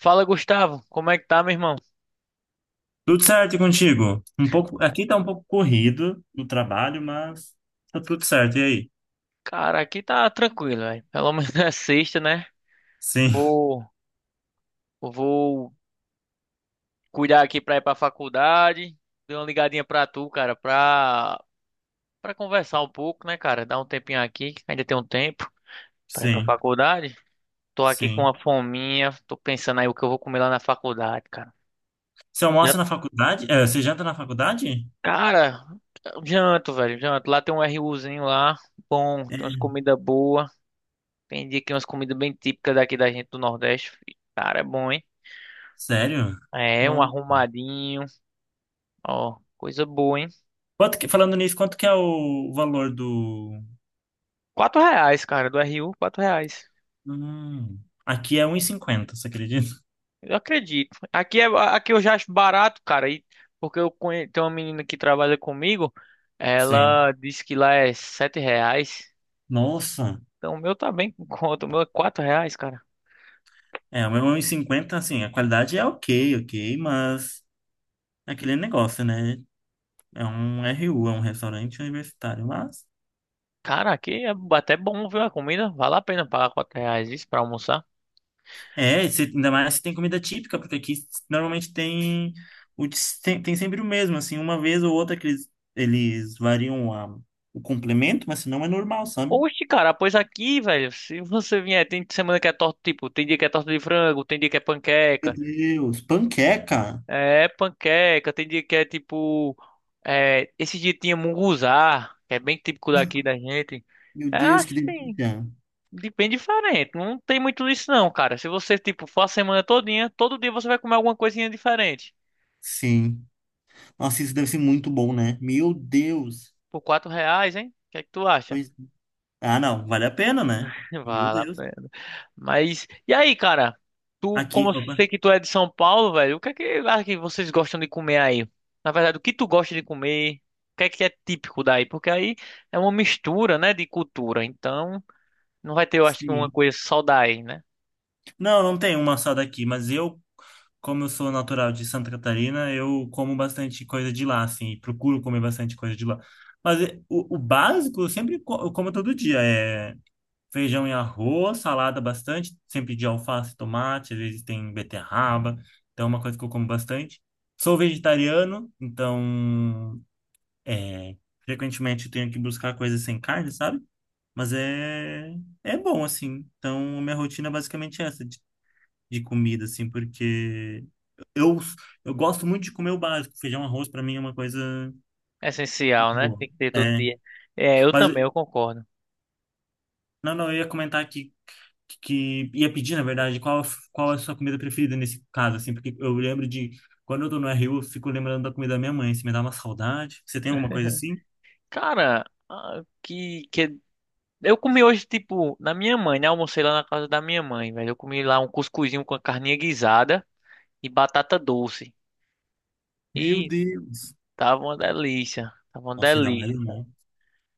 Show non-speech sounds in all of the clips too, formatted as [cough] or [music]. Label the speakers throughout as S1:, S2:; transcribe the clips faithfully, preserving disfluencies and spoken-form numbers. S1: Fala, Gustavo. Como é que tá, meu irmão?
S2: Tudo certo e contigo? Um pouco, aqui tá um pouco corrido no trabalho, mas tá tudo certo. E aí?
S1: Cara, aqui tá tranquilo, velho. Pelo [laughs] menos é sexta, né?
S2: Sim,
S1: Vou, vou cuidar aqui pra ir pra faculdade. Dei uma ligadinha pra tu, cara, pra, pra conversar um pouco, né, cara? Dar um tempinho aqui, que ainda tem um tempo pra ir pra
S2: sim,
S1: faculdade. Tô aqui com
S2: sim.
S1: uma fominha. Tô pensando aí o que eu vou comer lá na faculdade, cara.
S2: Você
S1: Já,
S2: almoça na faculdade? É, você janta na faculdade?
S1: cara, janto, velho, janto. Lá tem um RUzinho lá, bom, tem umas
S2: É,
S1: comidas boas. Vendi aqui umas comidas bem típicas daqui da gente do Nordeste. Fi. Cara, é bom, hein?
S2: sério?
S1: É, um
S2: Não.
S1: arrumadinho. Ó, coisa boa, hein?
S2: Quanto que- falando nisso, quanto que é o valor do...
S1: Quatro reais, cara, do R U, quatro reais.
S2: Hum, Aqui é um e cinquenta, você acredita?
S1: Eu acredito. Aqui, é, aqui eu já acho barato, cara. E, porque eu conhe... tenho uma menina que trabalha comigo.
S2: Sim.
S1: Ela disse que lá é sete reais.
S2: Nossa.
S1: Então o meu tá bem com conta. O meu é quatro reais, cara.
S2: É, o meu um e cinquenta, assim, a qualidade é ok, ok, mas é aquele negócio, né? É um R U, é um restaurante universitário, mas...
S1: Cara, aqui é até bom, viu? A comida vale a pena pagar quatro reais isso pra almoçar.
S2: É, se- ainda mais se tem comida típica, porque aqui normalmente tem, o de- tem, tem sempre o mesmo, assim, uma vez ou outra que eles, eles variam a- o complemento, mas senão é normal, sabe?
S1: Oxe, cara, pois aqui, velho, se você vier, tem semana que é torta, tipo, tem dia que é torta de frango, tem dia que é
S2: Meu
S1: panqueca,
S2: Deus, panqueca!
S1: é panqueca, tem dia que é tipo, é, esse dia tinha munguzá, que é bem típico daqui da gente.
S2: Meu
S1: É
S2: Deus, que
S1: assim,
S2: delícia!
S1: de- bem diferente, não tem muito isso não, cara. Se você, tipo, for a semana todinha, todo dia você vai comer alguma coisinha diferente.
S2: Sim. Nossa, isso deve ser muito bom, né? Meu Deus!
S1: Por quatro reais, hein? O que é que tu acha?
S2: Pois- Ah, não, vale a pena, né?
S1: [laughs]
S2: Meu
S1: Vale a
S2: Deus.
S1: pena. Mas, e aí, cara? Tu,
S2: Aqui,
S1: como eu
S2: opa.
S1: sei que tu é de São Paulo, velho, o que é que, ah, que vocês gostam de comer aí? Na verdade, o que tu gosta de comer? O que é que é típico daí? Porque aí é uma mistura, né, de cultura. Então, não vai ter, eu acho que uma
S2: Sim.
S1: coisa só daí, né?
S2: Não, não tem uma só daqui, mas eu, como eu sou natural de Santa Catarina, eu como bastante coisa de lá, assim, e procuro comer bastante coisa de lá. Mas eh, o, o básico eu sempre co- eu como todo dia, é feijão e arroz, salada bastante, sempre de alface, tomate, às vezes tem beterraba, então é uma coisa que eu como bastante. Sou vegetariano, então é, frequentemente eu tenho que buscar coisas sem carne, sabe? Mas é, é bom, assim. Então, a minha rotina é basicamente essa de comida, assim, porque eu, eu gosto muito de comer o básico. Feijão, arroz, para mim é uma coisa
S1: É essencial,
S2: muito
S1: né?
S2: boa.
S1: Tem que ter todo
S2: É,
S1: dia. É, eu
S2: mas,
S1: também, eu concordo.
S2: não, não, eu ia comentar que, que ia pedir, na verdade, qual, qual é a sua comida preferida nesse caso, assim, porque eu lembro de, quando eu tô no R U, eu fico lembrando da comida da minha mãe, se me dá uma saudade. Você tem alguma coisa assim?
S1: Cara, ah, que, que... eu comi hoje, tipo, na minha mãe, né? Almocei lá na casa da minha mãe, velho. Eu comi lá um cuscuzinho com a carninha guisada e batata doce.
S2: Meu
S1: E
S2: Deus!
S1: Tava uma delícia. Tava uma
S2: Nossa, ainda mais
S1: delícia.
S2: não.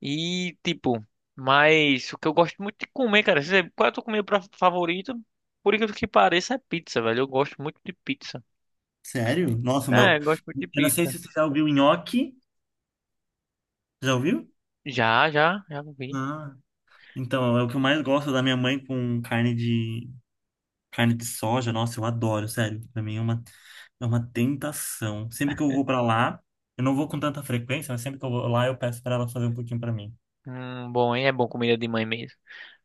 S1: E, tipo, mas o que eu gosto muito de comer, cara. Você, qual é o tua comida pra- favorita? Por incrível que pareça, é pizza, velho. Eu gosto muito de pizza.
S2: Sério? Nossa, o
S1: É,
S2: meu...
S1: eu gosto muito de
S2: Eu não sei
S1: pizza.
S2: se você já ouviu nhoque. Já ouviu?
S1: Já, já, já vi.
S2: Ah, então, é o que eu mais gosto da minha mãe com carne de Carne de soja, nossa, eu adoro, sério. Pra mim é uma, é uma tentação. Sempre que eu vou pra lá, eu não vou com tanta frequência, mas sempre que eu vou lá, eu peço pra ela fazer um pouquinho pra mim.
S1: Hum, bom, hein? É bom comida de mãe mesmo.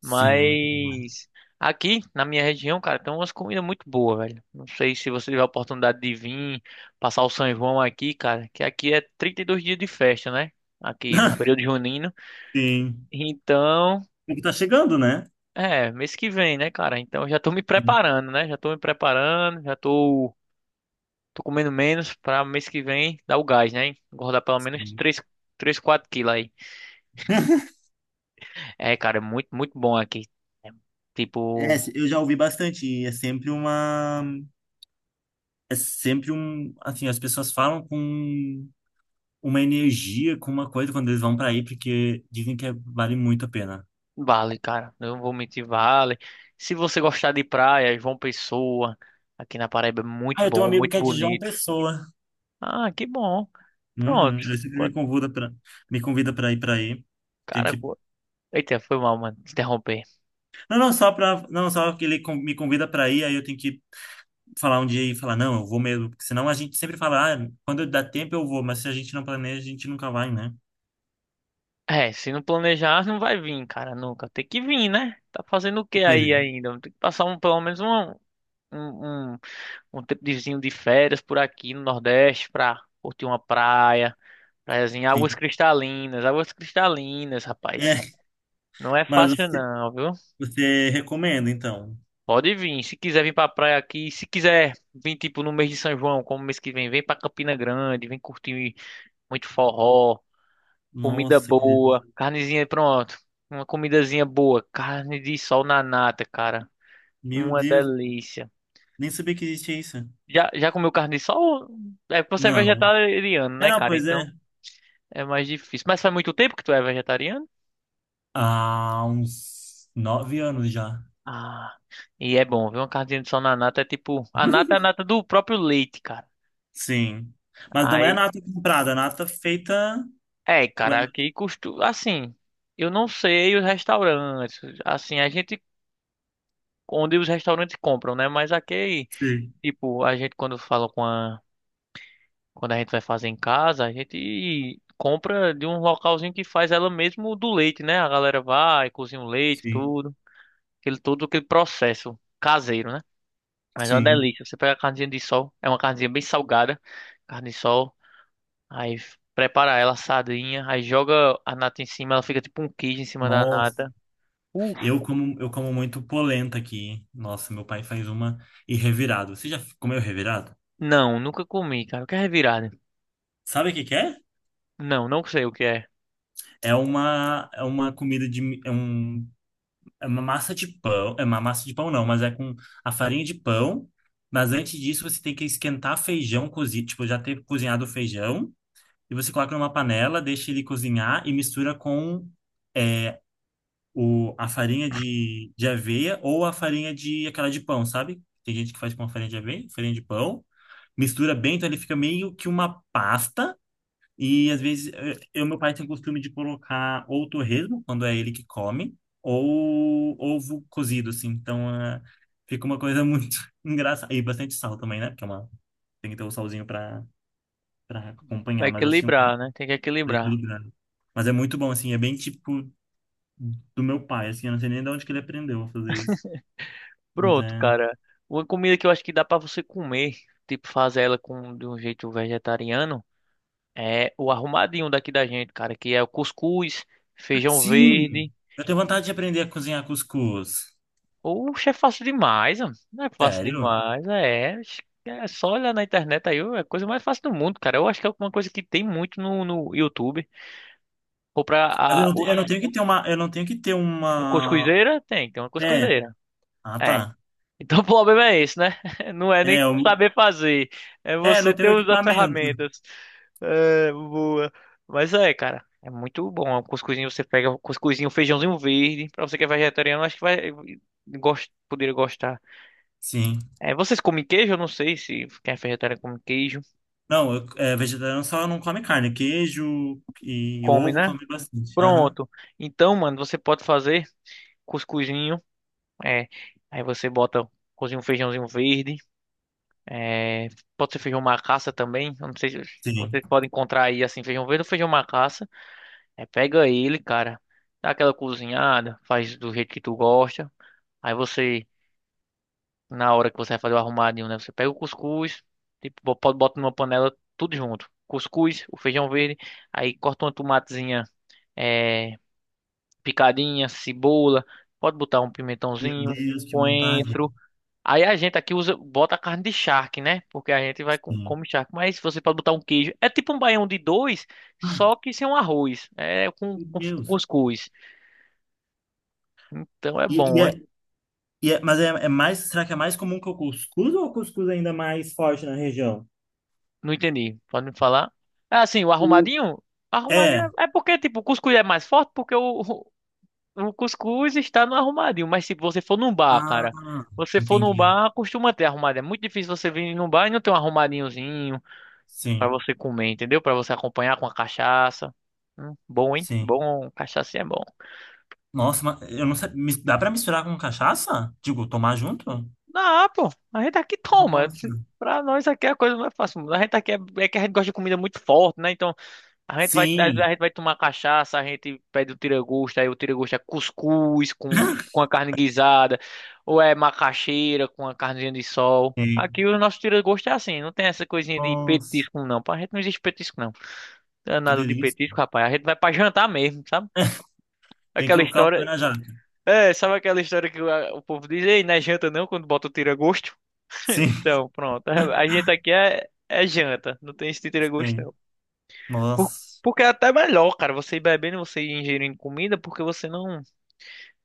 S2: Sim, é muito bom.
S1: Mas aqui na minha região, cara, tem umas comidas muito boas, velho. Não sei se você tiver a oportunidade de vir passar o São João aqui, cara, que aqui é trinta e dois dias de festa, né? Aqui no período
S2: [laughs]
S1: junino.
S2: Sim.
S1: Então,
S2: Porque tá chegando, né?
S1: é, mês que vem, né, cara? Então eu já tô me
S2: Sim,
S1: preparando, né? Já tô me preparando, já tô, tô comendo menos pra mês que vem dar o gás, né? Engordar pelo menos
S2: sim.
S1: três, três, quatro quilos aí. É, cara, é muito, muito bom aqui. É,
S2: É,
S1: tipo,
S2: eu já ouvi bastante. E É sempre uma. É sempre um. Assim, as pessoas falam com uma energia, com uma coisa quando eles vão pra aí, porque dizem que é, vale muito a pena.
S1: vale, cara. Não vou mentir, vale. Se você gostar de praia, João Pessoa, aqui na Paraíba é
S2: Ah,
S1: muito
S2: eu tenho um
S1: bom,
S2: amigo que
S1: muito
S2: é de João
S1: bonito.
S2: Pessoa.
S1: Ah, que bom.
S2: Uhum.
S1: Pronto.
S2: Ele sempre me
S1: Quando-
S2: convida para me convida para ir para aí. Tem
S1: Cara,
S2: que
S1: co- eita, foi mal, mano. Interromper.
S2: Não, não só para não só que ele con- me convida para ir, aí eu tenho que falar um dia e falar não, eu vou mesmo, porque senão a gente sempre fala, ah, quando dá tempo eu vou, mas se a gente não planeja, a gente nunca vai, né?
S1: É, se não planejar, não vai vir, cara, nunca. Tem que vir, né? Tá fazendo o que
S2: Pois
S1: aí
S2: é.
S1: ainda? Tem que passar um, pelo menos um, um, um, um tempozinho de férias por aqui no Nordeste pra curtir uma praia, praiazinha, águas
S2: Sim.
S1: cristalinas, águas cristalinas, rapaz.
S2: É,
S1: Não é
S2: mas
S1: fácil
S2: você,
S1: não, viu?
S2: você recomenda então.
S1: Pode vir, se quiser vir pra praia aqui, se quiser vir tipo no mês de São João, como mês que vem, vem pra Campina Grande, vem curtir muito forró. Comida
S2: Nossa, que
S1: boa,
S2: delícia.
S1: carnezinha, pronto. Uma comidazinha boa, carne de sol na nata, cara.
S2: Meu
S1: Uma
S2: Deus,
S1: delícia.
S2: nem sabia que existia isso.
S1: Já, já comeu carne de sol? É porque você é
S2: Não.
S1: vegetariano,
S2: É,
S1: né,
S2: não,
S1: cara?
S2: pois
S1: Então
S2: é.
S1: é mais difícil. Mas faz muito tempo que tu é vegetariano?
S2: Há uns nove anos já.
S1: Ah, e é bom, viu? Uma carninha de sol na nata é tipo. A
S2: [laughs]
S1: nata é a nata do próprio leite, cara.
S2: Sim. Mas não é
S1: Aí,
S2: nata comprada, é nata feita.
S1: é,
S2: Ué,
S1: cara, aqui costuma. Assim, eu não sei os restaurantes. Assim, a gente. Onde os restaurantes compram, né? Mas aqui.
S2: sim,
S1: Tipo, a gente quando fala com a. Quando a gente vai fazer em casa, a gente compra de um localzinho que faz ela mesmo do leite, né? A galera vai, cozinha o leite,
S2: sim,
S1: tudo. Aquele, todo aquele processo caseiro, né? Mas é uma
S2: sim.
S1: delícia. Você pega a carnezinha de sol, é uma carnezinha bem salgada, carne de sol, aí f- prepara ela assadinha, aí joga a nata em cima, ela fica tipo um queijo em cima da
S2: Nossa.
S1: nata. Uf,
S2: Eu como, eu como muito polenta aqui. Nossa, meu pai faz uma e revirado. Você já comeu revirado?
S1: não, nunca comi, cara. O que é revirada?
S2: Sabe o que que é?
S1: Não, não sei o que é.
S2: É uma, é uma comida de. Mi- É, um, é uma massa de pão. É uma massa de pão, não, mas é com a farinha de pão. Mas antes disso, você tem que esquentar feijão cozido. Tipo, já ter cozinhado o feijão. E você coloca numa panela, deixa ele cozinhar e mistura com. é, o, a farinha de, de aveia ou a farinha de aquela de pão, sabe? Tem gente que faz com a farinha de aveia, farinha de pão, mistura bem, então ele fica meio que uma pasta. E às vezes eh, eu, meu pai tem o costume de colocar ou torresmo, quando é ele que come, ou ovo cozido, assim. Então ah, fica uma coisa muito [laughs] engraçada. E bastante sal também, né? Porque é uma, tem que ter o salzinho pra, pra
S1: Vai
S2: acompanhar, mas assim, um
S1: equilibrar, né? Tem que equilibrar.
S2: equilibrado. Mas é muito bom, assim, é bem tipo do meu pai, assim, eu não sei nem de onde que ele aprendeu a fazer isso. Mas
S1: Pronto,
S2: é.
S1: cara. Uma comida que eu acho que dá pra você comer, tipo fazer ela com de um jeito vegetariano, é o arrumadinho daqui da gente, cara, que é o cuscuz, feijão
S2: Sim!
S1: verde.
S2: Eu tenho vontade de aprender a cozinhar cuscuz.
S1: Oxe, é fácil demais, ó. Não é fácil
S2: Sério?
S1: demais, é. Acho que é só olhar na internet aí, é a coisa mais fácil do mundo, cara. Eu acho que é uma coisa que tem muito no, no YouTube. Ou pra
S2: Mas eu
S1: a,
S2: não, te-
S1: os,
S2: eu não tenho que ter uma. Eu não tenho que ter uma.
S1: cuscuzeira, tem, tem uma
S2: É.
S1: cuscuzeira.
S2: Ah,
S1: É.
S2: tá.
S1: Então [laughs] o problema é esse, né? [laughs] Não é nem
S2: É, eu,
S1: saber fazer, é
S2: é,
S1: você
S2: não
S1: ter
S2: tenho
S1: os- as
S2: equipamento.
S1: ferramentas. É, boa. Mas é, cara, é muito bom. O cuscuzinho você pega o cuscuzinho, o feijãozinho verde, pra você que é vegetariano, acho que vai gost, poderia gostar.
S2: Sim.
S1: É, vocês comem queijo? Eu não sei se quem é vegetariano come queijo.
S2: Não, eu, é, vegetariano só não come carne. Queijo e
S1: Come,
S2: ovo
S1: né?
S2: come bastante. Aham.
S1: Pronto. Então, mano, você pode fazer cuscuzinho, é, aí você bota cozinha um feijãozinho verde. É, pode ser feijão macaça também. Eu não sei se
S2: Sim.
S1: vocês podem encontrar aí assim, feijão verde ou feijão macaça. É, pega ele, cara. Dá aquela cozinhada, faz do jeito que tu gosta. Aí você, na hora que você vai fazer o arrumadinho, né? Você pega o cuscuz, tipo, bo- pode bota numa panela tudo junto. Cuscuz, o feijão verde, aí corta uma tomatezinha, é, picadinha, cebola, pode botar um
S2: Meu
S1: pimentãozinho,
S2: Deus, que vontade.
S1: coentro. Aí a gente aqui usa, bota carne de charque, né? Porque a gente vai com,
S2: Sim.
S1: come charque. Mas você pode botar um queijo. É tipo um baião de dois,
S2: Ah,
S1: só que sem um arroz. É com,
S2: Meu
S1: com, com
S2: Deus.
S1: cuscuz. Então é
S2: E, e
S1: bom,
S2: é,
S1: hein?
S2: e é- mas é, é mais. Será que é mais comum que o cuscuz ou o cuscuz é ainda mais forte na região?
S1: Não entendi. Pode me falar? Ah, sim, o
S2: O,
S1: arrumadinho? Arrumadinho
S2: É.
S1: é é porque, tipo, o cuscuz é mais forte porque o, o o cuscuz está no arrumadinho. Mas se você for num bar,
S2: Ah,
S1: cara, você for num
S2: entendi.
S1: bar, costuma ter arrumadinho. É muito difícil você vir num bar e não ter um arrumadinhozinho. Pra
S2: Sim,
S1: você comer, entendeu? Pra você acompanhar com a cachaça. Hum, bom, hein?
S2: sim.
S1: Bom, cachaça é bom.
S2: Nossa, mas eu não sei. mis- Dá pra misturar com cachaça? Digo, tomar junto?
S1: Ah, pô, a gente aqui toma.
S2: Nossa.
S1: [laughs] Pra nós aqui a coisa não é fácil. A gente aqui é, é que a gente gosta de comida muito forte, né? Então a gente vai, a
S2: Sim.
S1: gente vai tomar cachaça, a gente pede o tira-gosto, aí o tira-gosto é cuscuz com, com a carne guisada, ou é macaxeira com a carninha de sol.
S2: Sim.
S1: Aqui o nosso tira-gosto é assim, não tem essa coisinha de
S2: Nossa,
S1: petisco, não. Pra gente não existe petisco, não.
S2: que
S1: Danado de
S2: delícia.
S1: petisco, rapaz. A gente vai pra jantar mesmo, sabe?
S2: [laughs] Tem que
S1: Aquela
S2: colocar o pé
S1: história.
S2: na jaca.
S1: É, sabe aquela história que o, a- o povo diz, ei, não é janta não, quando bota o tira-gosto? [laughs]
S2: Sim,
S1: Então, pronto. A a gente aqui é, é janta, não tem esse tira-gosto
S2: sim.
S1: não. Por-
S2: Nossa.
S1: porque é até melhor, cara, você ir bebendo, você ir ingerindo comida, porque você não,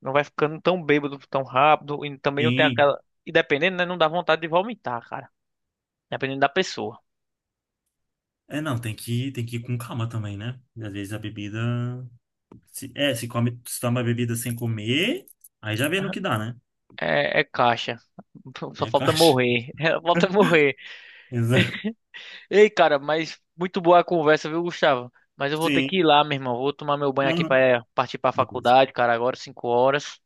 S1: não vai ficando tão bêbado tão rápido e também não tem
S2: Sim.
S1: aquela... E dependendo, né, não dá vontade de vomitar, cara. Dependendo da pessoa.
S2: É, não, tem que, tem que ir com calma também, né? Às vezes a bebida. Se, é, se come, se toma a bebida sem comer, aí já vê no que dá, né?
S1: É, é caixa. [laughs] Só
S2: É
S1: falta
S2: caixa. [laughs]
S1: morrer. [laughs] Falta morrer.
S2: Exato.
S1: Ei, cara, mas muito boa a conversa, viu, Gustavo? Mas eu vou ter que
S2: Sim.
S1: ir lá, meu irmão. Vou tomar meu banho
S2: Não,
S1: aqui
S2: não.
S1: para partir para a faculdade, cara. Agora, cinco horas.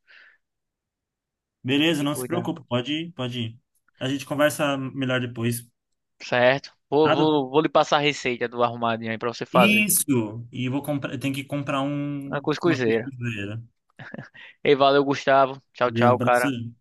S1: Tem
S2: Beleza,
S1: que
S2: não se
S1: cuidar,
S2: preocupe, pode ir, pode ir. A gente conversa melhor depois.
S1: certo? Vou,
S2: Nada?
S1: vou, vou lhe passar a receita do arrumadinho aí pra você fazer.
S2: Isso! E vou comprar, eu tenho que comprar
S1: Uma
S2: um, uma
S1: cuscuzeira.
S2: costura.
S1: Ei, valeu, Gustavo. Tchau,
S2: Valeu,
S1: tchau, cara.
S2: abração.